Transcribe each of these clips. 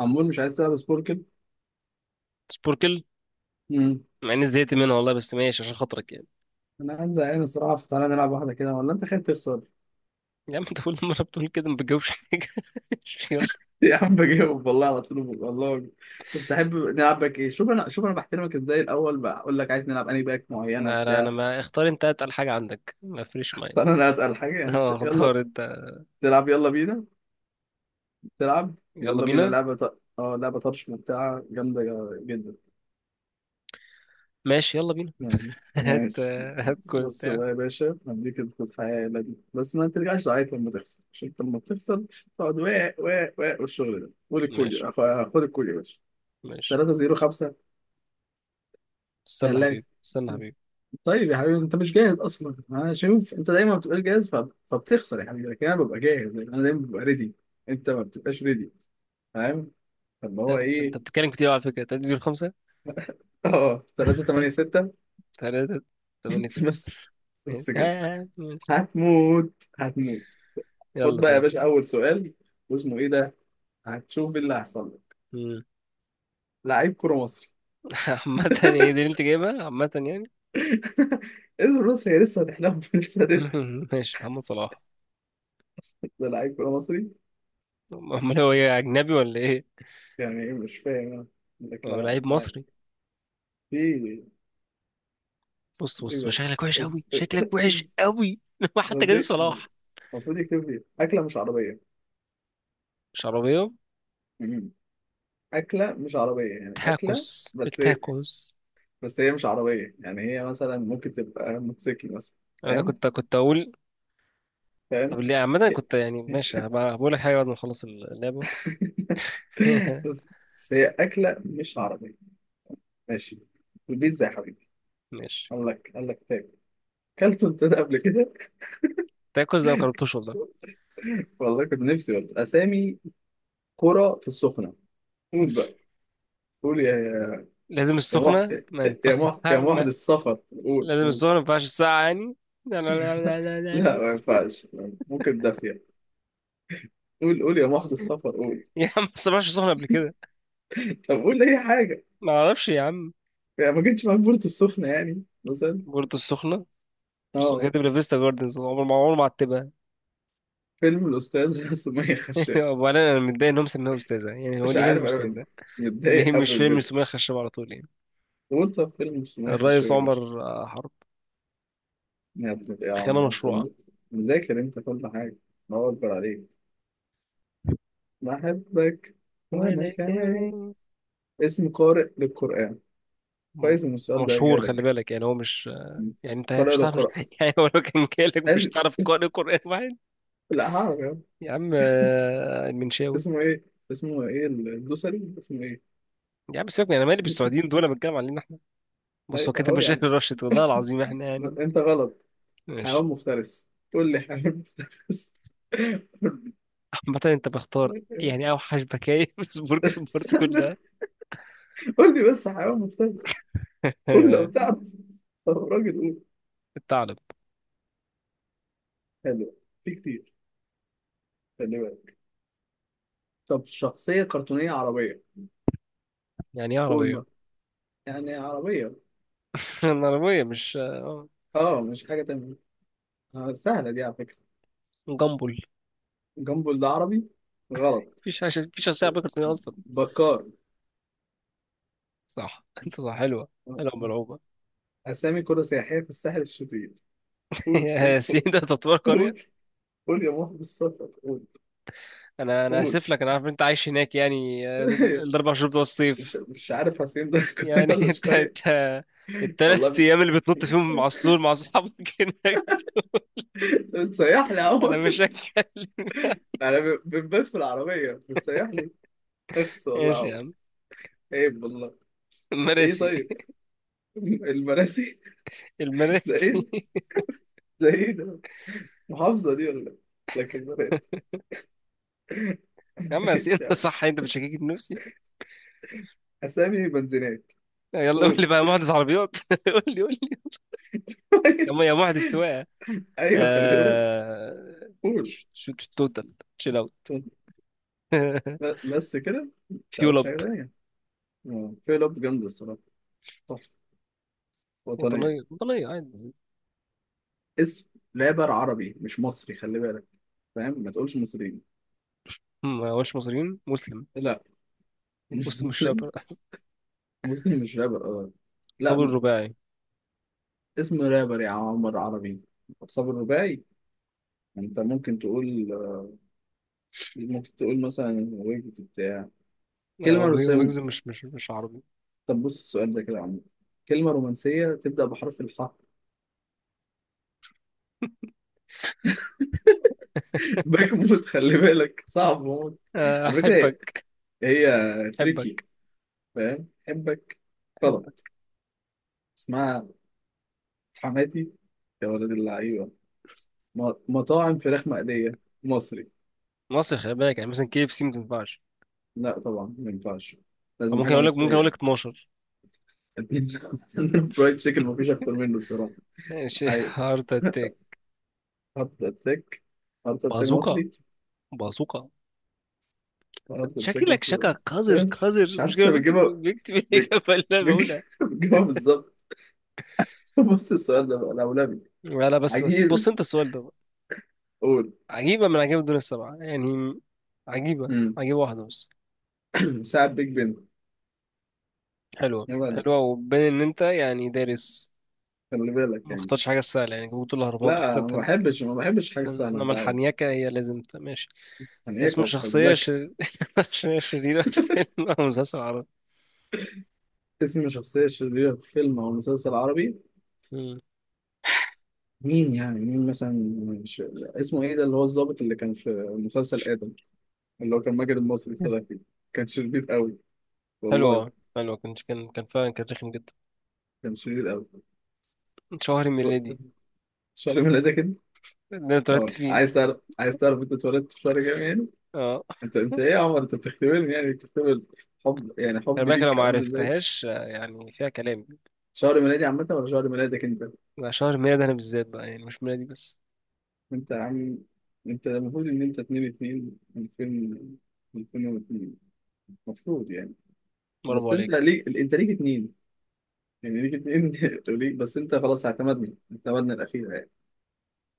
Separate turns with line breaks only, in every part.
عمول مش عايز تلعب سبوركل.
سبوركل.
مم.
مع اني زهقت منها والله، بس ماشي عشان خاطرك يعني.
انا قاعد زهقان الصراحه، فتعالى نلعب واحده كده، ولا انت خايف تخسر؟
يا عم انت كل مره بتقول كده، ما بتجاوبش حاجه. يلا.
يا عم بجاوب والله على طول والله. طب تحب نلعب باك ايه؟ شوف انا بحترمك ازاي الاول، بقول لك عايز نلعب انهي باك معينه
لا لا، انا
بتاع.
ما اختار، انت اتقل حاجه عندك، ما فريش معايا.
فانا اتقل حاجه يعني
اه،
يلا.
اختار انت.
تلعب يلا بينا. تلعب
يلا
يلا بينا
بينا.
لعبه لعبه طرش ممتعه جامده جدا
ماشي يلا بينا.
يعني.
هات.
ماشي.
هات كل
بص
بتاع.
بقى يا باشا، هديك الحياة دي بس ما ترجعش تعيط لما تخسر، عشان انت لما بتخسر تقعد واق واق واق والشغل ده. قول الكود.
ماشي.
خد الكود يا باشا.
ماشي.
3 0 5.
استنى
ثلاثة.
حبيبي، استنى حبيبي.
طيب يا حبيبي، انت مش جاهز اصلا، انا شوف انت دايما ما بتبقاش جاهز، فبتخسر يا حبيبي، لكن انا ببقى جاهز لأن انا دايما ببقى ريدي. انت ما بتبقاش ريدي. فاهم؟ طب
انت
هو
انت أنت
ايه؟
بتتكلم كتير على فكره، تنزل خمسه.
اه 3 8 6.
تلاتة تمانية ستة
بس
آه،
بس كده.
آه، ماشي.
هتموت. هتموت. خد
يلا
بقى يا
طيب.
باشا اول سؤال. واسمه ايه ده؟ هتشوف إيه اللي هيحصل لك.
مم.
لعيب كرة مصري.
عامة يعني، دي اللي انت جايبها؟ عامة يعني.
اسم، بص هي لسه هتحلم، لسه
ماشي. محمد صلاح.
ده لعيب كرة مصري.
امال هو ايه، اجنبي ولا ايه؟
يعني ايه؟ مش فاهم انا. يقول لك
هو
لا
لعيب
لا.
مصري.
في ايه
بص بص،
ده؟
شكلك وحش قوي،
إز-
شكلك وحش
إز-
قوي. هو حتى كريم
رزق.
صلاح.
المفروض يكتب لي اكله مش عربيه.
شرابيه.
مم. اكله مش عربيه يعني اكله.
تاكوس،
بس هي
التاكوس.
بس هي مش عربيه، يعني هي مثلا ممكن تبقى موتوسيكل مثلا.
انا
فاهم
كنت اقول. طب
فاهم
ليه عامه؟
كده.
كنت يعني ماشي هبقى بقول لك حاجه بعد ما نخلص اللعبه.
بس بس هي أكلة مش عربية. ماشي. البيتزا يا حبيبي.
ماشي.
قال لك تاني. أكلت أنت ده قبل كده؟
تاكوس ده ما جربتوش والله.
والله كنت نفسي والله أسامي قرى في السخنة. قول بقى، قول يا
لازم
يا محت،
السخنه ما ينفعش.
يا محت، يا محت السفر، قول
لازم
قول.
السخنه ما ينفعش، الساقعه يعني. لا، لا، لا، لا، لا، لا،
لا
لا.
ما ينفعش. ممكن دافية. قول قول يا محت السفر قول.
يا عم ما سمعتش السخنه قبل كده.
طب قول أي حاجة.
ما اعرفش يا عم.
يعني ما جتش معاك بورتو السخنة يعني مثلا
بورتو السخنه. بس
اه؟
كاتب لافيستا جاردنز، عمر ما عتبها.
فيلم الأستاذة سمية خشاب.
وانا متضايق ان هم سموها استاذه يعني، هو
مش
اللي كاتب
عارف أنا.
استاذه. ليه
متضايق
مش
أوي
فيلم
بجد.
سمية خشاب على طول يعني؟
قول، طب فيلم اسمه ايه خشب
الرئيس
يا باشا.
عمر حرب.
يا ابن ايه يا
خيانه
عم، انت
مشروعه.
مذاكر انت كل حاجة. الله أكبر عليك. بحبك. وأنا
وأنا
كمان.
كمان.
اسم قارئ للقرآن.
م-
كويس إن السؤال ده
مشهور، خلي
جالك.
بالك، يعني هو مش.
م.
يعني انت
قارئ
مش تعرف، مش...
للقرآن
يعني هو لو كان جالك مش
لازم.
تعرف قارئ قرآن واحد.
لا هعرف يا عم.
يا عم المنشاوي.
اسمه ايه اسمه ايه الدوسري، اسمه ايه.
يا عم سيبك انا مالي بالسعوديين دول، انا بتكلم علينا احنا. بص هو كاتب
اهو يا
مشاهير
عم.
الراشد، والله العظيم احنا يعني.
انت غلط. حيوان
ماشي.
مفترس. قول لي حيوان مفترس.
عامة انت بختار يعني اوحش بكاية في سبورك البورت
استنى،
كلها.
قول لي بس حيوان مفترس. قول لي لو تعرف. طب راجل، قول.
الثعلب.
حلو. في كتير، خلي بالك. طب شخصية كرتونية عربية.
يعني ايه
قول
عربية؟
ما، يعني عربية.
العربية مش
اه، مش حاجة تانية. سهلة دي على فكرة.
جامبل.
جنبه العربي. غلط.
مفيش عشان عربية كرتونية أصلا.
بكار.
صح، أنت صح، حلوة. حلوة ملعوبة.
أسامي كرة سياحية في الساحل الشرير. قول
يا
قول
سين،
قول
ده تعتبر قرية.
قول قول يا محب السفر قول
أنا
قول.
آسف لك، أنا عارف إن أنت عايش هناك يعني الأربع شهور بتوع
مش
الصيف
مش عارف حسين ده قرية
يعني.
ولا مش
أنت
قرية.
أنت التلات
والله
أيام اللي بتنط فيهم مع السور مع أصحابك. هناك.
بتسيح لي يا
أنا
عمر.
مش هتكلم.
انا بنبات في العربية بتسيح لي. اخس والله يا
ماشي يا
عمر.
عم.
عيب والله. ايه
المراسي.
طيب، المراسي. ده
المراسي.
ايه ده ايه ده، محافظة دي ولا، لكن المراسي.
يا عم يا سين،
ماشي يا
أنت
عم.
صح، أنت بتشككني في نفسي.
اسامي بنزينات.
يلا قول لي
قول.
بقى يا مهندس عربيات. قول لي، قول لي. يا مهندس سواقة.
ايوه خلي بالك.
آه...
قول.
توتال. تشيل اوت.
بس كده ما
فيول
تعرفش
اب.
حاجة تانية. في لعبة جامدة الصراحة. تحفة. وطنية.
وطنية، وطنية. عادي.
اسم رابر عربي مش مصري خلي بالك، فاهم؟ ما تقولش مصريين.
هم ما هوش مصريين، مسلم.
لا، مش
مسلم مش
مسلم.
رابر.
مسلم مش رابر، اه. لا،
صابر الرباعي.
اسم رابر يا عمر عربي صابر الرباعي. انت ممكن تقول مثلا ويجد بتاع. كلمة
هو
رسام.
ويجز مش عربي.
طب بص السؤال ده كده يا عم، كلمة رومانسية تبدأ بحرف الحاء. باك موت، خلي بالك صعب موت. على فكرة
احبك.
هي تريكي.
احبك.
فاهم، حبك. غلط.
احبك.
اسمها حماتي يا ولد اللعيبة. مطاعم فراخ مقلية مصري.
مصر، خلي بالك، يعني مثلا كي اف سي ما تنفعش.
لا طبعا ما ينفعش،
أو
لازم
ممكن
حاجة
اقول لك ممكن اقول
مصرية.
لك 12.
عندنا فرايد تشيكن مفيش أكتر منه الصراحة.
ماشي.
عايش.
هارت اتاك.
هارت أتاك. هارت أتاك
بازوكا.
مصري.
بازوكا.
أنا بتاعتك
شكلك،
مصر.
شكا قذر، قذر،
مش
مش
عارف
كده
أنت
بكتب.
بتجيبها.
بكتب
بت-
الاجابه اللي انا
بتج-
بقولها.
بتجيبها بالظبط. بص السؤال ده بقى الأولاني.
لا لا، بس بس بص
عجيب.
انت السؤال ده.
قول.
عجيبة من عجائب الدنيا السبعة يعني. عجيبة.
مم.
عجيبة واحدة بس.
ساعة بيج بن.
حلوة،
يا ولد،
حلوة، وبين إن أنت يعني دارس.
خلي بالك
ما
يعني.
اختارش حاجة سهلة يعني، جبت الأهرامات بس
لا،
أنت بتحب.
ما بحبش
بس
حاجة سهلة
إنما
أنت عارف.
الحنيكة هي لازم ماشي.
يعني إيه
اسم
كوكب
شخصية
لك.
شخصية شريرة في فيلم أو مسلسل عربي.
اسم شخصية شريرة في فيلم أو مسلسل عربي.
مم.
مين يعني؟ مين مثلا اسمه إيه ده، اللي هو الضابط اللي كان في مسلسل آدم، اللي هو كان ماجد المصري طلع فيه. كان شرير قوي والله.
حلوة، حلوة، كنت كان كان فعلا كان رخم جدا.
كان شرير قوي.
شهر ميلادي
شعري من ايدك.
اللي أنا اتولدت
أه،
فيه.
عايز تعرف أنت اتولدت في شهر كام يعني؟
اه.
أنت إيه يا عمر؟ أنت بتختبرني يعني؟ بتختبر حب يعني،
خلي
حبي
بالك لو
ليك
ما
عامل إزاي؟
عرفتهاش يعني فيها كلام.
شهر ميلادي عامة ولا شهر ميلادك أنت؟
ده شهر ميلاد أنا بالذات بقى يعني، مش ميلادي بس.
أنت يا عم، أنت المفروض إن أنت 2 2 2000. 2002 المفروض يعني.
برافو
بس
عليك.
أنت ليك اتنين، يعني ليك اتنين. وليك بس أنت خلاص، اعتمدنا الأخيرة يعني.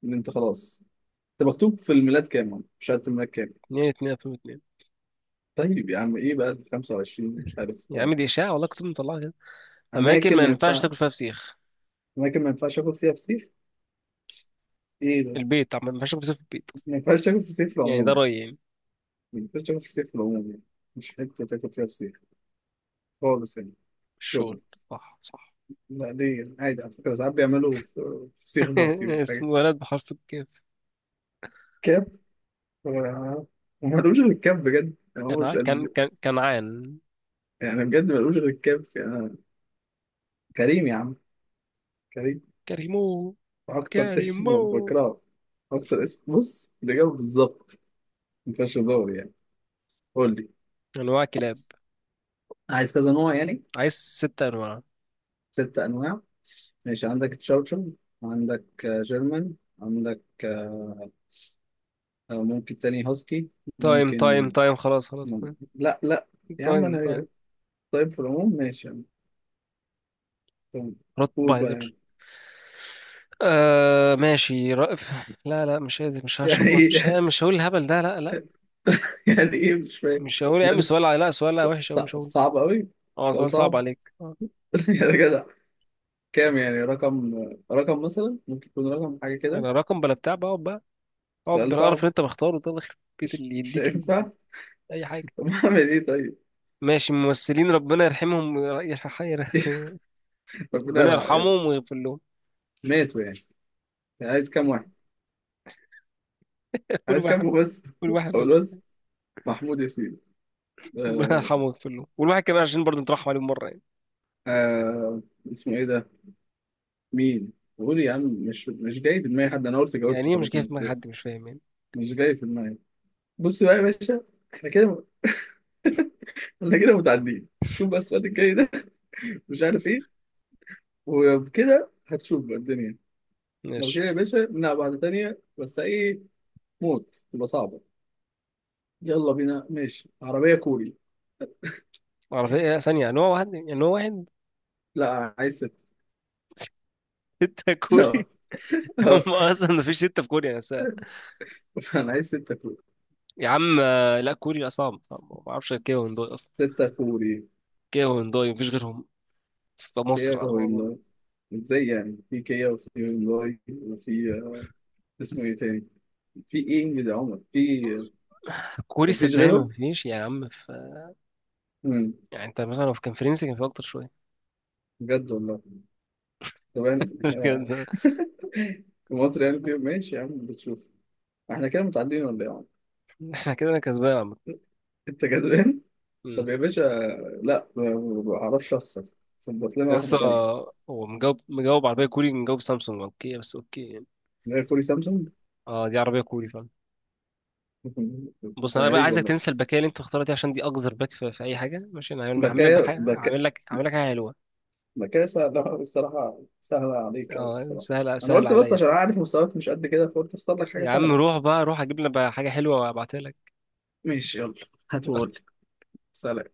إن أنت خلاص. أنت مكتوب في الميلاد كام؟ يا عم؟ في شهادة الميلاد كام؟
اتنين، اتنين، 2002.
طيب يا عم إيه بقى 25 مش عارف.
يا عم دي إشاعة والله، كنت مطلعها كده. أماكن
أماكن
ما
ما
ينفعش
ينفع.
تاكل فيها فسيخ.
أماكن ما ينفعش آكل فيها فسيخ. إيه ده؟
البيت، عم ما ينفعش تاكل فسيخ في البيت أصلا.
ما ينفعش تاكل فسيخ في
يعني ده
العموم.
رأيي يعني.
ما ينفعش تاكل فسيخ في العموم يعني. مش حتة تاكل فيها فسيخ خالص يعني. الشغل.
الشغل. صح، صح.
لا ليه عادي على فكرة، ساعات بيعملوا فسيخ باربيكيو
اسمه
حاجة.
ولد بحرف الكاف.
كاب. هو هو ملوش غير الكاب بجد، يعني هو
كان
مش
كان كان كنعان.
يعني بجد ملوش غير الكاب يعني. كريم يا عم. كريم.
كريمو.
أكتر اسم
كريمو.
بكرهه. أكتر اسم، بص الإجابة بالظبط ما فيهاش هزار يعني. قول لي.
أنواع كلاب.
عايز كذا نوع يعني.
عايز ست أنواع.
ست أنواع. ماشي. عندك تشاوتشن. عندك جيرمان. عندك ممكن تاني هاسكي.
تايم، تايم،
ممكن
تايم، خلاص، خلاص، تايم.
لا لا يا عم
تايم، تايم.
انا. طيب في العموم ماشي يعني. طيب، قول بقى
روتفايلر.
يعني.
آه ماشي، رأف. لا لا، مش عايز، مش
يعني
هشغل، مش
ايه؟
مش هقول الهبل ده، لا لا.
يعني ايه مش فاهم.
مش هقول يا عم،
ماله
سؤال لا، سؤال لا وحش أوي، مش هقول.
صعب قوي.
اه
سؤال
سؤال صعب
صعب.
عليك، اه.
يا جدع. كام يعني رقم مثلا ممكن يكون رقم حاجة كده.
انا رقم بلا بتاع بقى، اقعد بقى. اقعد
سؤال
بالقرف
صعب.
اللي انت مختاره ده، يخرب بيت
مش
اللي
مش
يديك
هينفع.
اي حاجه.
طب اعمل ايه طيب.
ماشي. ممثلين ربنا يرحمهم،
ربنا
ربنا
يرحم يلا.
يرحمهم ويغفر لهم.
ماتوا يعني. عايز كام واحد؟
كل
عايز
واحد.
كام بس.
كل واحد بس.
قول. محمود ياسين.
ربنا
آه.
يرحمه ويغفر له، والواحد كمان عشان برضه نترحم عليه مره يعني.
آه. اسمه ايه ده؟ مين؟ قول يا عم، مش جاي في دماغي حد. انا قلت
يعني
جاوبت
ايه مش
خلاص
جاي في
ما
دماغ حد؟ مش فاهم يعني.
مش جاي في دماغي. بص بقى يا باشا، احنا كده احنا كده متعدين. شوف بس السؤال الجاي ده. مش عارف ايه. وبكده هتشوف بقى الدنيا. لو
ماشي.
كده يا باشا نلعب واحدة تانية بس ايه موت، تبقى صعبة. يلا بينا. ماشي. عربية كوري.
اعرف ايه ثانيه يعني، هو واحد، يعني هو واحد.
لا، عايز ستة.
ستة
لا،
كوري. هم
لا،
اصلا مفيش ستة في كوريا نفسها.
انا عايز ستة كوري.
يا عم لا، كوريا صعب، صعب ما بعرفش، كيف هندوي اصلا.
ستة كوري.
كيف هندوي مفيش غيرهم في مصر.
كده هو. ازاي يعني؟ في كيا وفي هيونداي وفي اسمه ايه تاني. في ايه ده يا عمر؟ في
كوري
مفيش
صدقني ما
غيره.
فيش يا عم
امم
يعني انت مثلا لو كان فرنسي كان في اكتر شويه.
بجد والله. طب احنا
كده-
في مصر يعني. في ماشي يا عم بتشوف. احنا كده متعدين ولا ايه يا عمر.
احنا كده، انا كسبان عم.
انت جدعان. طب يا باشا، لا، ما بعرفش اخسر. ظبط لنا واحده
لسه.
تانية.
هو مجاوب، مجاوب عربيه كوري، مجاوب سامسونج اوكي، بس اوكي يعني.
غير كوري سامسونج.
اه دي عربيه كوري فعلا. بص
ده
انا بقى
هريج
عايزك
والله.
تنسى الباكيه اللي انت مختارها دي عشان دي اقذر باك في اي حاجه. ماشي انا هعمل لك
بكايا
بحاجه،
بكايا
هعمل لك حاجه حلوه.
بكايا سهله الصراحه، سهله عليك قوي
اه
الصراحه.
سهل،
انا
سهل
قلت بس
عليا،
عشان
فاهم.
عارف مستواك مش قد كده، فقلت اختار لك حاجه
يا عم
سهله.
روح بقى، روح اجيب لنا بقى حاجه حلوه وابعتها لك.
ماشي، يلا. هات وقول لي. سلام.